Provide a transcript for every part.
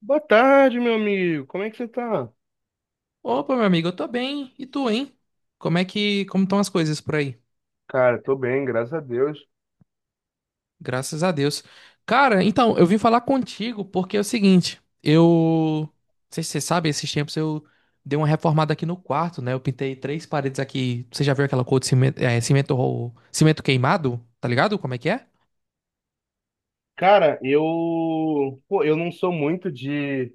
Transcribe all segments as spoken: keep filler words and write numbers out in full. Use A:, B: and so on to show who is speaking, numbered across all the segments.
A: Boa tarde, meu amigo. Como é que você tá?
B: Opa, meu amigo, eu tô bem. E tu, hein? Como é que, como estão as coisas por aí?
A: Cara, tô bem, graças a Deus.
B: Graças a Deus. Cara, então, eu vim falar contigo porque é o seguinte, eu, não sei se você sabe, esses tempos eu dei uma reformada aqui no quarto, né? Eu pintei três paredes aqui. Você já viu aquela cor de cimento, é, cimento, ro- cimento queimado? Tá ligado? Como é que é?
A: Cara, eu, pô, eu não sou muito de,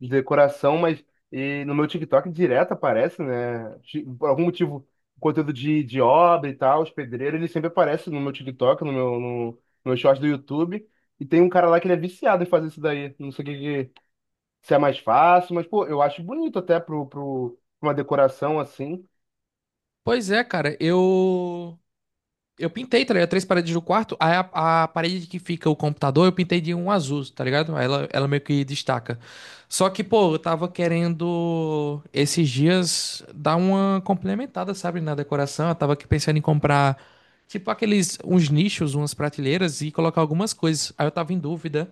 A: de decoração, mas e no meu TikTok direto aparece, né? Ti- Por algum motivo, conteúdo de, de obra e tal, os pedreiros, ele sempre aparece no meu TikTok, no meu, no, no meu short do YouTube. E tem um cara lá que ele é viciado em fazer isso daí. Não sei o que, que- se é mais fácil, mas, pô, eu acho bonito até pro, pro, pra uma decoração assim.
B: Pois é, cara, eu Eu pintei, tá ligado? Três paredes do quarto. Aí a, a parede que fica o computador, eu pintei de um azul, tá ligado? Aí Ela, ela meio que destaca. Só que, pô, eu tava querendo esses dias dar uma complementada, sabe, na decoração. Eu tava aqui pensando em comprar, tipo, aqueles, uns nichos, umas prateleiras e colocar algumas coisas. Aí eu tava em dúvida.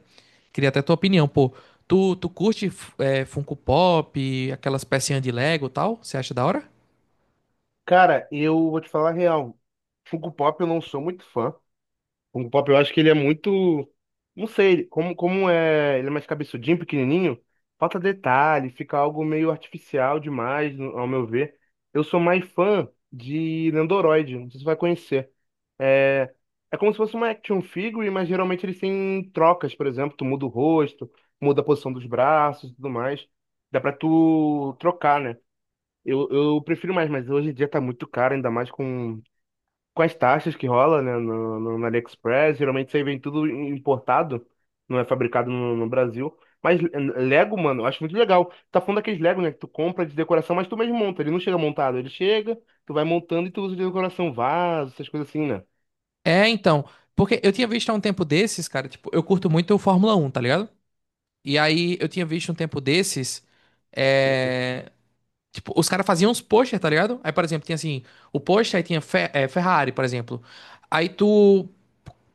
B: Queria até tua opinião, pô. Tu, tu curte, f- é, Funko Pop, aquelas pecinhas de Lego e tal? Você acha da hora?
A: Cara, eu vou te falar a real. Funko Pop eu não sou muito fã. Funko Pop eu acho que ele é muito. Não sei, ele- como, como é. Ele é mais cabeçudinho, pequenininho. Falta detalhe, fica algo meio artificial demais, no- ao meu ver. Eu sou mais fã de Nendoroid, não sei se você vai conhecer. É, é como se fosse uma action figure, mas geralmente eles têm trocas, por exemplo, tu muda o rosto, muda a posição dos braços e tudo mais. Dá pra tu trocar, né? Eu, eu prefiro mais, mas hoje em dia tá muito caro, ainda mais com, com as taxas que rola, né, no, no, no AliExpress. Geralmente isso aí vem tudo importado, não é fabricado no, no Brasil. Mas eh, Lego, mano, eu acho muito legal. Tá falando daqueles Lego, né, que tu compra de decoração, mas tu mesmo monta. Ele não chega montado, ele chega, tu vai montando e tu usa de decoração, vaso, essas coisas assim, né?
B: É, então. Porque eu tinha visto há um tempo desses, cara, tipo, eu curto muito o Fórmula Um, tá ligado? E aí eu tinha visto um tempo desses, é... tipo, os caras faziam uns posters, tá ligado? Aí, por exemplo, tinha assim, o pôster, aí tinha Fe- é, Ferrari, por exemplo. Aí tu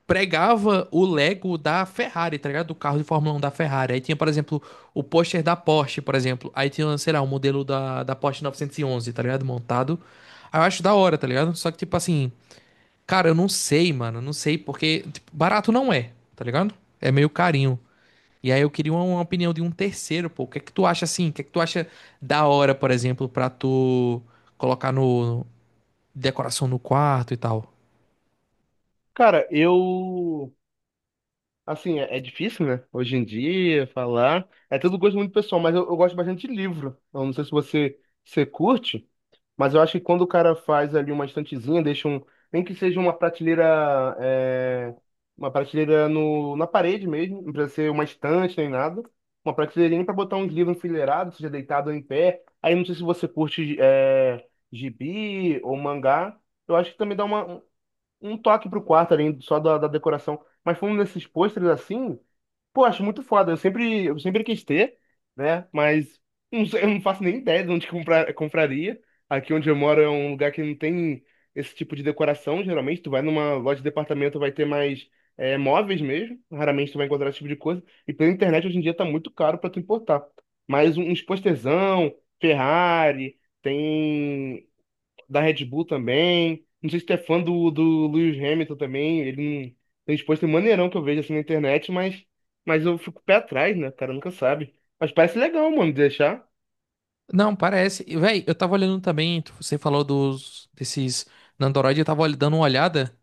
B: pregava o Lego da Ferrari, tá ligado? Do carro de Fórmula Um da Ferrari. Aí tinha, por exemplo, o pôster da Porsche, por exemplo. Aí tinha, sei lá, o modelo da, da Porsche novecentos e onze, tá ligado? Montado. Aí eu acho da hora, tá ligado? Só que, tipo assim. Cara, eu não sei, mano. Eu não sei, porque tipo, barato não é, tá ligado? É meio carinho. E aí eu queria uma, uma opinião de um terceiro, pô. O que é que tu acha assim? O que é que tu acha da hora, por exemplo, pra tu colocar no decoração no quarto e tal?
A: Cara, eu. Assim, é, é difícil, né? Hoje em dia, falar. É tudo gosto muito pessoal, mas eu, eu gosto bastante de livro. Eu não sei se você, você curte. Mas eu acho que quando o cara faz ali uma estantezinha, deixa um. Nem que seja uma prateleira. é, uma prateleira no, na parede mesmo, não precisa ser uma estante nem nada. Uma prateleirinha para botar uns livros enfileirados, seja deitado ou em pé. Aí não sei se você curte é, gibi ou mangá. Eu acho que também dá uma, um um toque pro quarto ali, só da, da decoração. Mas falando desses pôsteres assim. Pô, acho muito foda. Eu sempre, eu sempre quis ter, né? Mas não sei, eu não faço nem ideia de onde comprar, compraria. Aqui onde eu moro é um lugar que não tem esse tipo de decoração. Geralmente, tu vai numa loja de departamento, vai ter mais é, móveis mesmo. Raramente tu vai encontrar esse tipo de coisa. E pela internet, hoje em dia, tá muito caro pra tu importar. Mas um, uns postezão, Ferrari, tem da Red Bull também. Não sei se tu é fã do, do Lewis Hamilton também. Ele não tem exposto maneirão que eu vejo assim na internet, mas, mas eu fico pé atrás, né? O cara nunca sabe. Mas parece legal, mano, de deixar.
B: Não, parece. E, véi, eu tava olhando também, tu- você falou dos desses Nandoroid, eu tava ol- dando uma olhada.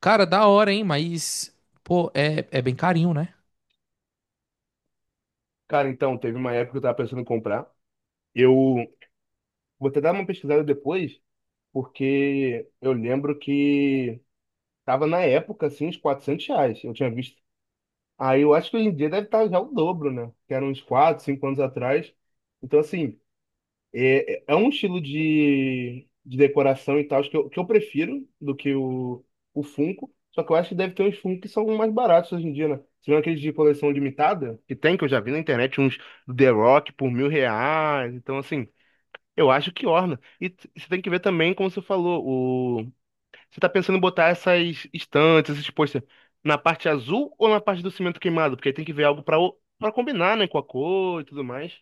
B: Cara, da hora, hein? Mas, pô, é, é bem carinho, né?
A: Cara, então, teve uma época que eu tava pensando em comprar. Eu vou até dar uma pesquisada depois, porque eu lembro que tava na época, assim, uns quatrocentos reais. Eu tinha visto. Aí eu acho que hoje em dia deve estar já o dobro, né? Que era uns quatro, cinco anos atrás. Então, assim, é, é um estilo de, de decoração e tal que eu, que eu prefiro do que o, o Funko. Só que eu acho que deve ter uns Funko que são mais baratos hoje em dia, né? Se não aqueles de coleção limitada, que tem, que eu já vi na internet, uns do The Rock por mil reais. Então, assim, eu acho que orna. E t- você tem que ver também, como você falou, o... Você tá pensando em botar essas estantes, esses posters, na parte azul ou na parte do cimento queimado? Porque aí tem que ver algo pra, o- pra combinar, né, com a cor e tudo mais.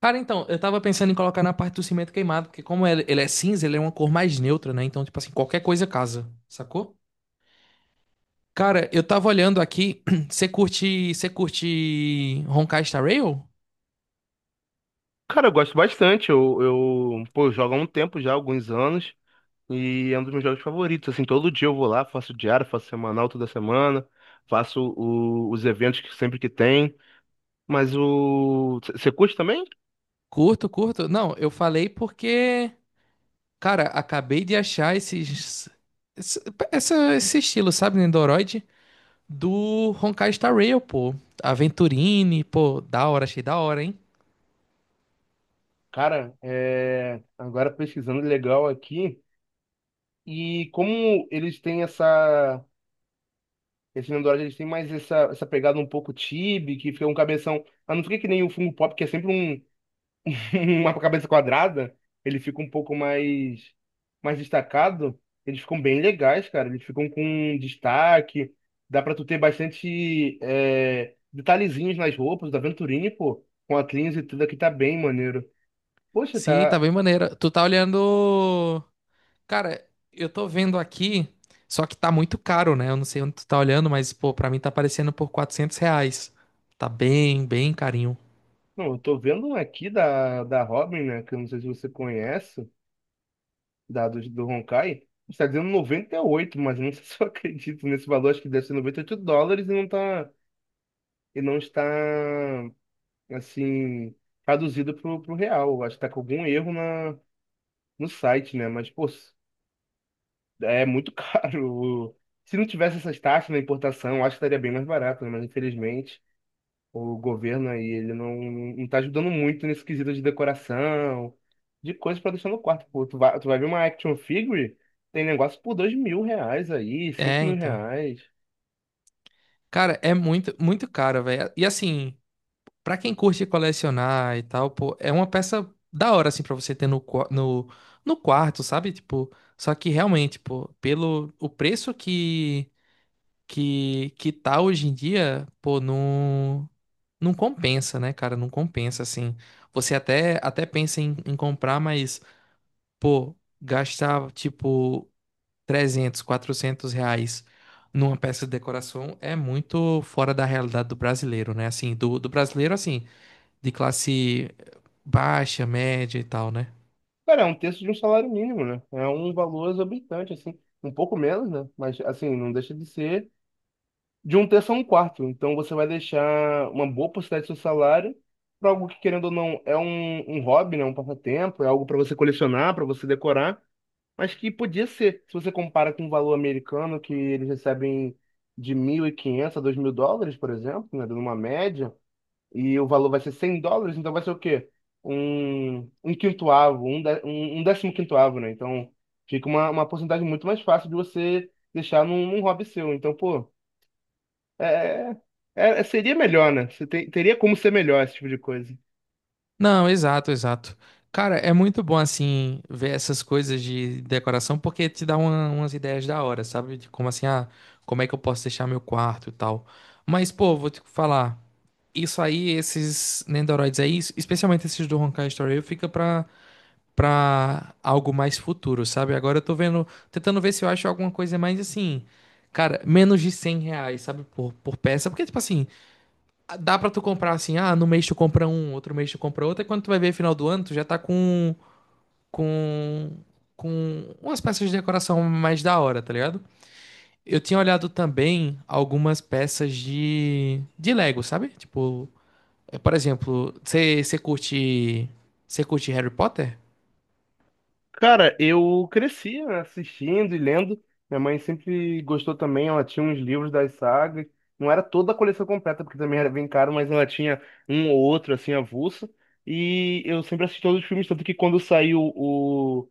B: Cara, então, eu tava pensando em colocar na parte do cimento queimado, porque como ele, ele é cinza, ele é uma cor mais neutra, né? Então, tipo assim, qualquer coisa casa, sacou? Cara, eu tava olhando aqui, você curte, você curte Honkai Star Rail?
A: Cara, eu gosto bastante. Eu, eu, pô, eu jogo há um tempo já, alguns anos, e é um dos meus jogos favoritos. Assim, todo dia eu vou lá, faço diário, faço semanal toda semana, faço o- os eventos que sempre que tem. Mas o. Você curte também?
B: Curto, curto. Não, eu falei porque, cara, acabei de achar esses, esse, essa- esse estilo, sabe, Nendoroid? Do Honkai Star Rail, pô. Aventurine, pô, da hora, achei da hora, hein?
A: Cara, é... agora pesquisando legal aqui. E como eles têm essa. Esse Nino Dourado, eles têm mais essa, essa pegada um pouco chibi, que fica um cabeção. Ah, não fica que nem o Funko Pop, que é sempre um, uma cabeça quadrada. Ele fica um pouco mais, mais destacado. Eles ficam bem legais, cara. Eles ficam com destaque. Dá pra tu ter bastante é, detalhezinhos nas roupas da Venturini, pô. Com a Cleans e tudo aqui tá bem maneiro. Poxa,
B: Sim, tá
A: tá.
B: bem maneira. Tu tá olhando. Cara, eu tô vendo aqui, só que tá muito caro, né? Eu não sei onde tu tá olhando, mas, pô, pra mim tá aparecendo por quatrocentos reais. Tá bem, bem carinho.
A: Não, eu tô vendo um aqui da, da Robin, né? Que eu não sei se você conhece. Dados do Honkai, está dizendo noventa e oito, mas não sei se eu acredito nesse valor, acho que deve ser noventa e oito dólares e não tá, e não está, assim, traduzido pro, pro real. Acho que tá com algum erro na, no site, né? Mas, pô, é muito caro. Se não tivesse essas taxas na importação, acho que estaria bem mais barato, né? Mas infelizmente. O governo aí, ele não, não tá ajudando muito nesse quesito de decoração, de coisas pra deixar no quarto. Pô, tu vai, tu vai ver uma action figure, tem negócio por dois mil reais aí, cinco
B: É,
A: mil
B: então.
A: reais.
B: Cara, é muito, muito caro, velho. E assim, pra quem curte colecionar e tal, pô, é uma peça da hora, assim, pra você ter no, qua- no, no quarto, sabe? Tipo, só que realmente, pô, pelo o preço que, que, que tá hoje em dia, pô, não, não compensa, né, cara? Não compensa, assim. Você até, até pensa em, em comprar, mas, pô, gastar, tipo, trezentos, quatrocentos reais numa peça de decoração é muito fora da realidade do brasileiro, né? Assim, do, do brasileiro, assim de classe baixa, média e tal, né?
A: Cara, é um terço de um salário mínimo, né? É um valor exorbitante, assim. Um pouco menos, né? Mas, assim, não deixa de ser de um terço a um quarto. Então, você vai deixar uma boa porcentagem do seu salário para algo que, querendo ou não, é um, um hobby, né? Um passatempo, é algo para você colecionar, para você decorar. Mas que podia ser, se você compara com o valor americano, que eles recebem de mil e quinhentos a dois mil dólares, por exemplo, né, numa média, e o valor vai ser cem dólares, então vai ser o quê? Um, um quintoavo, um, dé- um, um, décimo quintoavo, né? Então fica uma, uma porcentagem muito mais fácil de você deixar num, num hobby seu. Então, pô, é, é- é- seria melhor, né? Você tem- teria como ser melhor esse tipo de coisa.
B: Não, exato, exato. Cara, é muito bom assim ver essas coisas de decoração porque te dá uma- umas ideias da hora, sabe? De como assim, ah, como é que eu posso deixar meu quarto e tal. Mas, pô, vou te falar, isso aí, esses Nendoroids aí, es- especialmente esses do Honkai Story Rail, fica pra, pra algo mais futuro, sabe? Agora eu tô vendo, tentando ver se eu acho alguma coisa mais assim, cara, menos de cem reais, sabe? Por, por peça, porque, tipo assim, dá pra tu comprar assim, ah, no mês tu compra um, outro mês tu compra outro, e quando tu vai ver final do ano, tu já tá com, com, com umas peças de decoração mais da hora, tá ligado? Eu tinha olhado também algumas peças de, de Lego, sabe? Tipo, é, por exemplo, você curte, você curte Harry Potter?
A: Cara, eu cresci assistindo e lendo. Minha mãe sempre gostou também, ela tinha uns livros das sagas. Não era toda a coleção completa, porque também era bem caro, mas ela tinha um ou outro, assim, avulso. E eu sempre assisti todos os filmes, tanto que quando saiu o...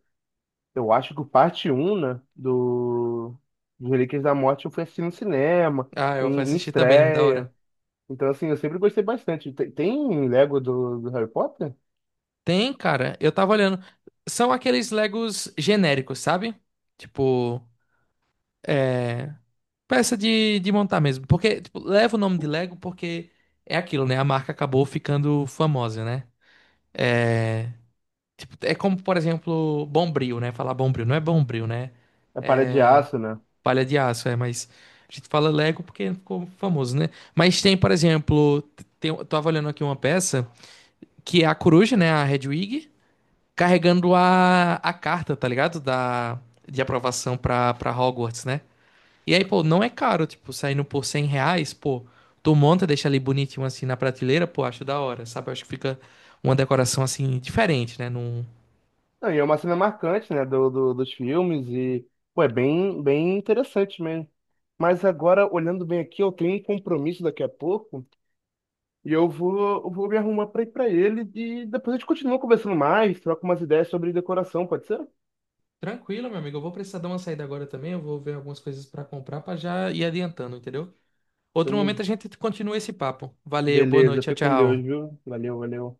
A: Eu acho que o parte um, né, do... dos Relíquias da Morte, eu fui assistir no cinema,
B: Ah, eu fui
A: em, em
B: assistir também, da
A: estreia.
B: hora.
A: Então, assim, eu sempre gostei bastante. Tem, tem Lego do, do Harry Potter?
B: Tem, cara, eu tava olhando. São aqueles Legos genéricos, sabe? Tipo, é. Peça de, de montar mesmo. Porque, tipo, leva o nome de Lego porque é aquilo, né? A marca acabou ficando famosa, né? Tipo, é como, por exemplo, Bombril, né? Falar Bombril. Não é Bombril, né?
A: É Para de
B: É
A: Aço, né?
B: palha de aço, é. Mas a gente fala Lego porque ficou famoso, né? Mas tem, por exemplo, tem, eu tava olhando aqui uma peça que é a coruja, né? A Hedwig, carregando a, a carta, tá ligado? Da, de aprovação pra, pra Hogwarts, né? E aí, pô, não é caro, tipo, saindo por cem reais, pô, tu monta, deixa ali bonitinho assim na prateleira, pô, acho da hora, sabe? Eu acho que fica uma decoração assim diferente, né? Num...
A: Não, e é uma cena marcante, né, do, do- dos filmes e, pô, é bem, bem interessante mesmo. Mas agora, olhando bem aqui, eu tenho um compromisso daqui a pouco e eu vou, eu vou me arrumar pra ir pra ele e depois a gente continua conversando mais, troca umas ideias sobre decoração, pode ser?
B: Tranquilo, meu amigo, eu vou precisar dar uma saída agora também, eu vou ver algumas coisas pra comprar pra já ir adiantando, entendeu? Outro
A: Então,
B: momento a gente continua esse papo. Valeu, boa
A: beleza,
B: noite, tchau,
A: fica com Deus,
B: tchau.
A: viu? Valeu, valeu.